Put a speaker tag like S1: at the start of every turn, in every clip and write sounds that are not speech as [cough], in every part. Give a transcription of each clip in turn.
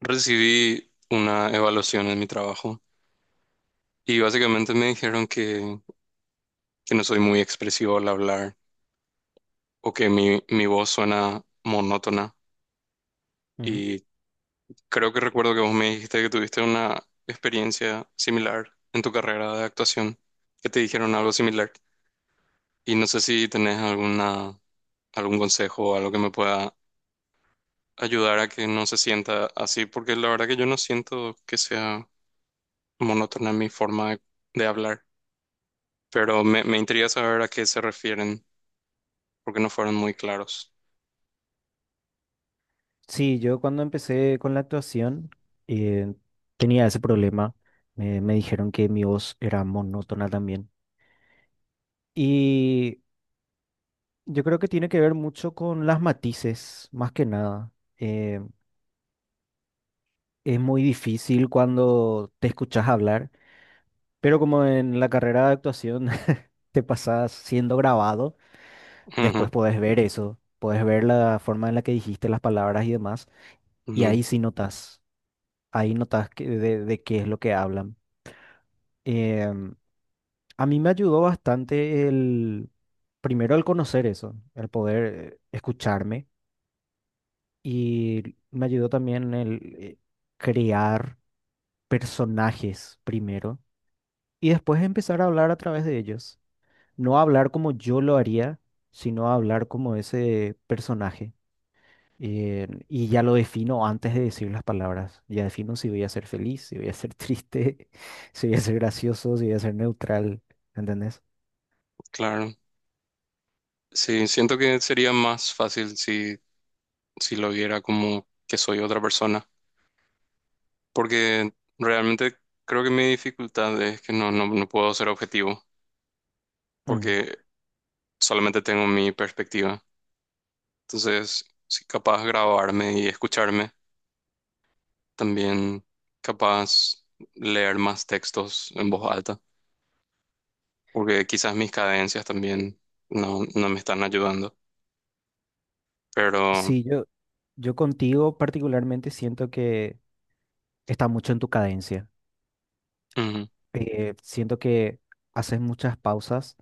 S1: Recibí una evaluación en mi trabajo y básicamente me dijeron que no soy muy expresivo al hablar o que mi voz suena monótona.
S2: Ujú.
S1: Y creo que recuerdo que vos me dijiste que tuviste una experiencia similar en tu carrera de actuación, que te dijeron algo similar. Y no sé si tenés alguna, algún consejo o algo que me pueda ayudar a que no se sienta así, porque la verdad que yo no siento que sea monótona mi forma de hablar, pero me intriga saber a qué se refieren, porque no fueron muy claros.
S2: Sí, yo cuando empecé con la actuación eh, tenía ese problema. Me dijeron que mi voz era monótona también. Y yo creo que tiene que ver mucho con las matices, más que nada. Eh, es muy difícil cuando te escuchas hablar, pero como en la carrera de actuación [laughs] te pasas siendo grabado, después
S1: Ujú,
S2: podés ver eso, podés ver la forma en la que dijiste las palabras y demás, y
S1: ujú,
S2: ahí sí notas, ahí notas de qué es lo que hablan. Em, a mí me ayudó bastante el, primero el conocer eso, el poder escucharme, y me ayudó también el crear personajes primero y después empezar a hablar a través de ellos. No hablar como yo lo haría, sino hablar como ese personaje. Y ya lo defino antes de decir las palabras. Ya defino si voy a ser feliz, si voy a ser triste, [laughs] si voy a ser gracioso, si voy a ser neutral. ¿Entendés?
S1: claro. Sí, siento que sería más fácil si, si lo viera como que soy otra persona, porque realmente creo que mi dificultad es que no, no, no puedo ser objetivo,
S2: Mm.
S1: porque solamente tengo mi perspectiva. Entonces, si capaz grabarme y escucharme, también capaz leer más textos en voz alta, porque quizás mis cadencias también no, no me están ayudando, pero
S2: Sí, yo contigo particularmente siento que está mucho en tu cadencia.
S1: ujú,
S2: Siento que haces muchas pausas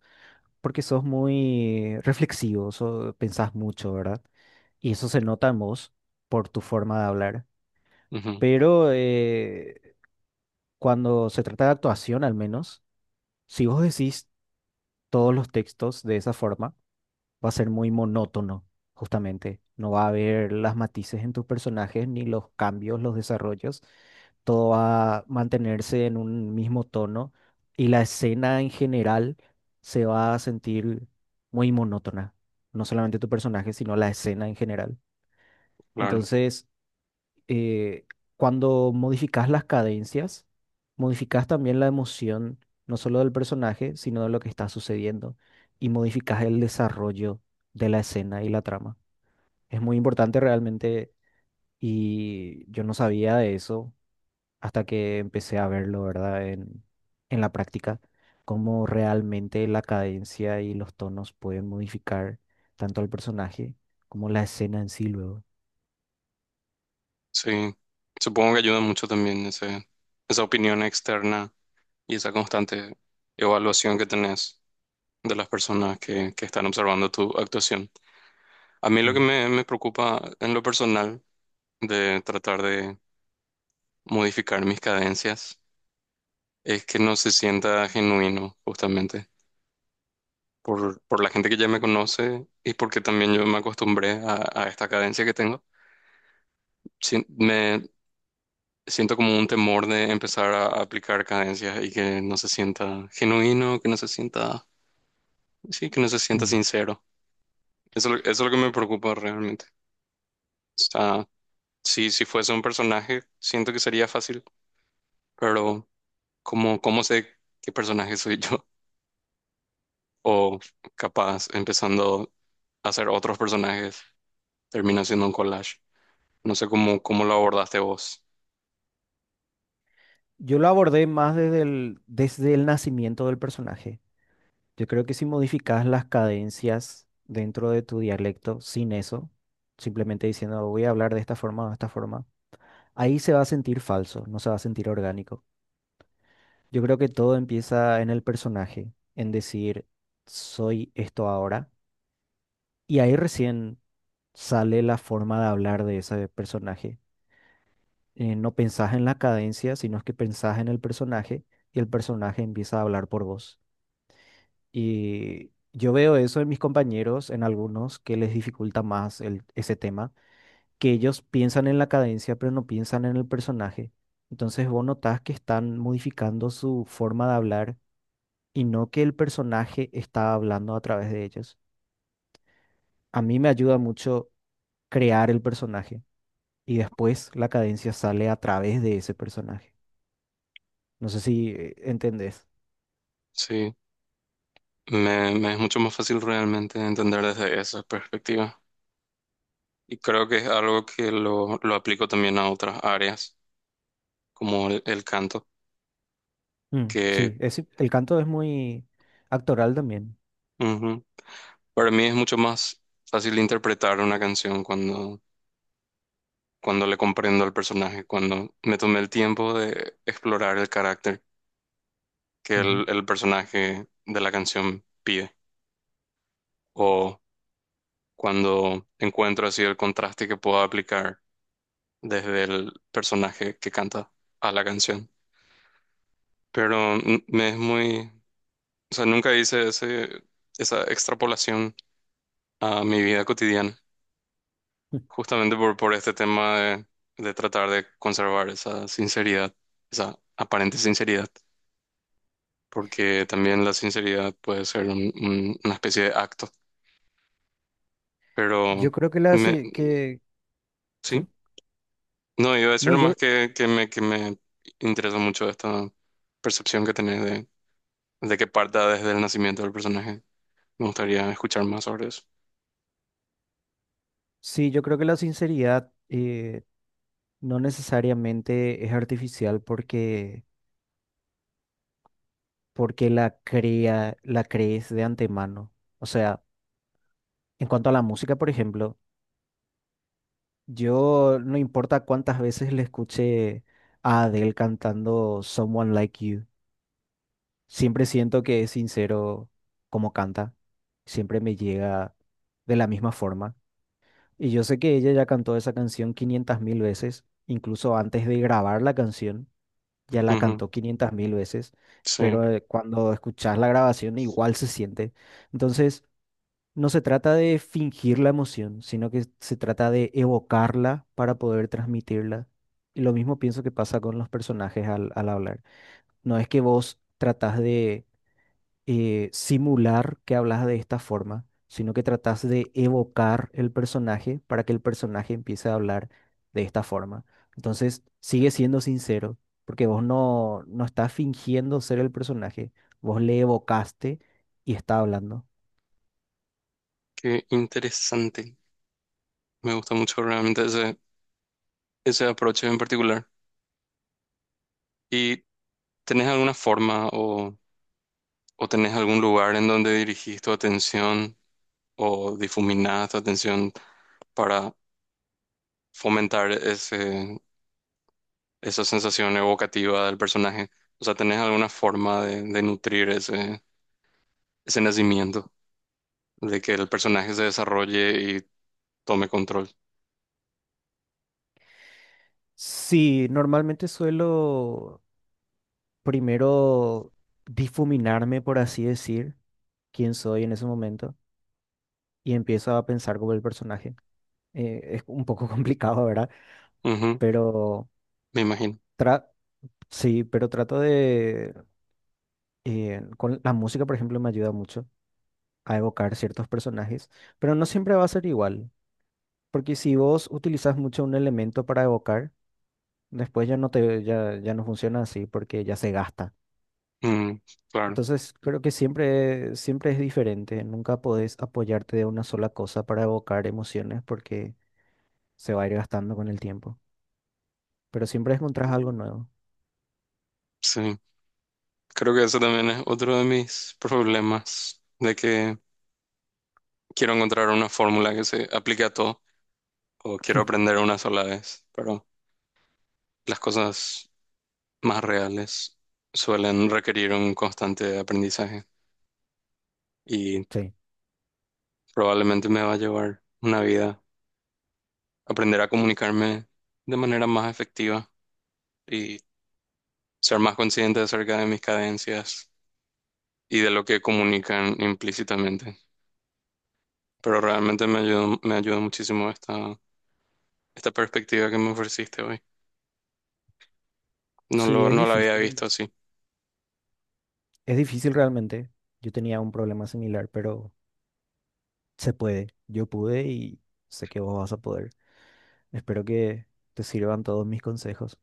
S2: porque sos muy reflexivo, pensás mucho, ¿verdad? Y eso se nota en vos por tu forma de hablar.
S1: ujú,
S2: Pero cuando se trata de actuación, al menos, si vos decís todos los textos de esa forma, va a ser muy monótono, justamente. No va a haber las matices en tus personajes, ni los cambios, los desarrollos. Todo va a mantenerse en un mismo tono y la escena en general se va a sentir muy monótona. No solamente tu personaje, sino la escena en general.
S1: claro,
S2: Entonces, eh, cuando modificas las cadencias, modificas también la emoción, no solo del personaje, sino de lo que está sucediendo, y modificas el desarrollo de la escena y la trama. Es muy importante realmente, y yo no sabía de eso hasta que empecé a verlo, ¿verdad? En la práctica, cómo realmente la cadencia y los tonos pueden modificar tanto al personaje como la escena en sí luego.
S1: sí, supongo que ayuda mucho también ese, esa opinión externa y esa constante evaluación que tenés de las personas que están observando tu actuación. A mí lo que
S2: Mm,
S1: me preocupa en lo personal de tratar de modificar mis cadencias es que no se sienta genuino, justamente, por la gente que ya me conoce y porque también yo me acostumbré a esta cadencia que tengo. Me siento como un temor de empezar a aplicar cadencias y que no se sienta genuino, que no se sienta, sí, que no se sienta
S2: mm.
S1: sincero. Eso es lo que me preocupa realmente. O sea, si, si fuese un personaje, siento que sería fácil, pero ¿cómo, cómo sé qué personaje soy yo? [laughs] O capaz, empezando a hacer otros personajes, termina siendo un collage. No sé cómo, cómo lo abordaste vos.
S2: Yo lo abordé más desde el nacimiento del personaje. Yo creo que si modificas las cadencias dentro de tu dialecto sin eso, simplemente diciendo voy a hablar de esta forma o de esta forma, ahí se va a sentir falso, no se va a sentir orgánico. Yo creo que todo empieza en el personaje, en decir soy esto ahora, y ahí recién sale la forma de hablar de ese personaje. No pensás en la cadencia, sino es que pensás en el personaje y el personaje empieza a hablar por vos. Y yo veo eso en mis compañeros, en algunos, que les dificulta más ese tema, que ellos piensan en la cadencia, pero no piensan en el personaje. Entonces vos notás que están modificando su forma de hablar y no que el personaje está hablando a través de ellos. A mí me ayuda mucho crear el personaje y después la cadencia sale a través de ese personaje. No sé si entendés.
S1: Sí, me es mucho más fácil realmente entender desde esa perspectiva. Y creo que es algo que lo aplico también a otras áreas, como el canto,
S2: Mm,
S1: que
S2: sí, el canto es muy actoral también.
S1: ujú, para mí es mucho más fácil interpretar una canción cuando, cuando le comprendo al personaje, cuando me tomé el tiempo de explorar el carácter que
S2: Ujú.
S1: el personaje de la canción pide, o cuando encuentro así el contraste que puedo aplicar desde el personaje que canta a la canción, pero mm, me es muy, o sea, nunca hice ese, esa extrapolación a mi vida cotidiana, justamente por este tema de tratar de conservar esa sinceridad, esa aparente sinceridad, porque también la sinceridad puede ser una especie de acto, pero
S2: Yo creo que
S1: me, sí,
S2: sí.
S1: no, iba a decir
S2: No, yo
S1: nomás que, que me interesa mucho esta percepción que tenés de que parta desde el nacimiento del personaje. Me gustaría escuchar más sobre eso.
S2: sí, yo creo que la sinceridad no necesariamente es artificial porque la crea, la crees de antemano. O sea, en cuanto a la música, por ejemplo, yo no importa cuántas veces le escuché a Adele cantando Someone Like You, siempre siento que es sincero como canta, siempre me llega de la misma forma. Y yo sé que ella ya cantó esa canción 500 mil veces, incluso antes de grabar la canción, ya la
S1: Ujú,
S2: cantó 500 mil veces,
S1: sí.
S2: pero cuando escuchas la grabación igual se siente. Entonces, no se trata de fingir la emoción, sino que se trata de evocarla para poder transmitirla. Y lo mismo pienso que pasa con los personajes al, al hablar. No es que vos tratás de simular que hablas de esta forma, sino que tratas de evocar el personaje para que el personaje empiece a hablar de esta forma. Entonces, sigue siendo sincero, porque vos no, no estás fingiendo ser el personaje, vos le evocaste y está hablando.
S1: Qué interesante. Me gusta mucho realmente ese, ese approach en particular. ¿Y tenés alguna forma o tenés algún lugar en donde dirigís tu atención o difuminás tu atención para fomentar ese, esa sensación evocativa del personaje? O sea, ¿tenés alguna forma de nutrir ese, ese nacimiento, de que el personaje se desarrolle y tome control?
S2: Sí, normalmente suelo primero difuminarme, por así decir, quién soy en ese momento, y empiezo a pensar como el personaje. Es un poco [laughs] complicado, ¿verdad?
S1: Ujú,
S2: Pero
S1: me imagino.
S2: Tra- sí, pero trato de con la música, por ejemplo, me ayuda mucho a evocar ciertos personajes, pero no siempre va a ser igual, porque si vos utilizas mucho un elemento para evocar, después ya no funciona así porque ya se gasta.
S1: Mm, claro,
S2: Entonces, creo que siempre, siempre es diferente, nunca podés apoyarte de una sola cosa para evocar emociones porque se va a ir gastando con el tiempo, pero siempre encontrás algo nuevo.
S1: sí. Creo que eso también es otro de mis problemas, de que quiero encontrar una fórmula que se aplique a todo, o quiero
S2: [laughs]
S1: aprender una sola vez, pero las cosas más reales suelen requerir un constante aprendizaje y
S2: Sí,
S1: probablemente me va a llevar una vida aprender a comunicarme de manera más efectiva y ser más consciente acerca de mis cadencias y de lo que comunican implícitamente. Pero realmente me ayudó muchísimo esta perspectiva que me ofreciste hoy. No
S2: sí,
S1: lo,
S2: es
S1: no la había visto
S2: difícil.
S1: así.
S2: Es difícil realmente. Yo tenía un problema similar, pero se puede. Yo pude y sé que vos vas a poder. Espero que te sirvan todos mis consejos.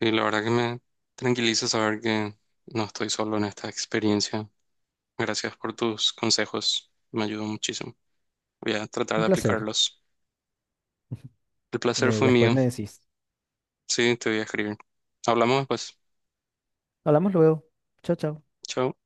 S1: Sí, la verdad que me tranquiliza saber que no estoy solo en esta experiencia. Gracias por tus consejos, me ayudó muchísimo. Voy a tratar
S2: Un
S1: de
S2: placer.
S1: aplicarlos. El placer fue
S2: Después
S1: mío.
S2: me decís.
S1: Sí, te voy a escribir. Hablamos después.
S2: Hablamos luego. Chao, chao.
S1: Chao.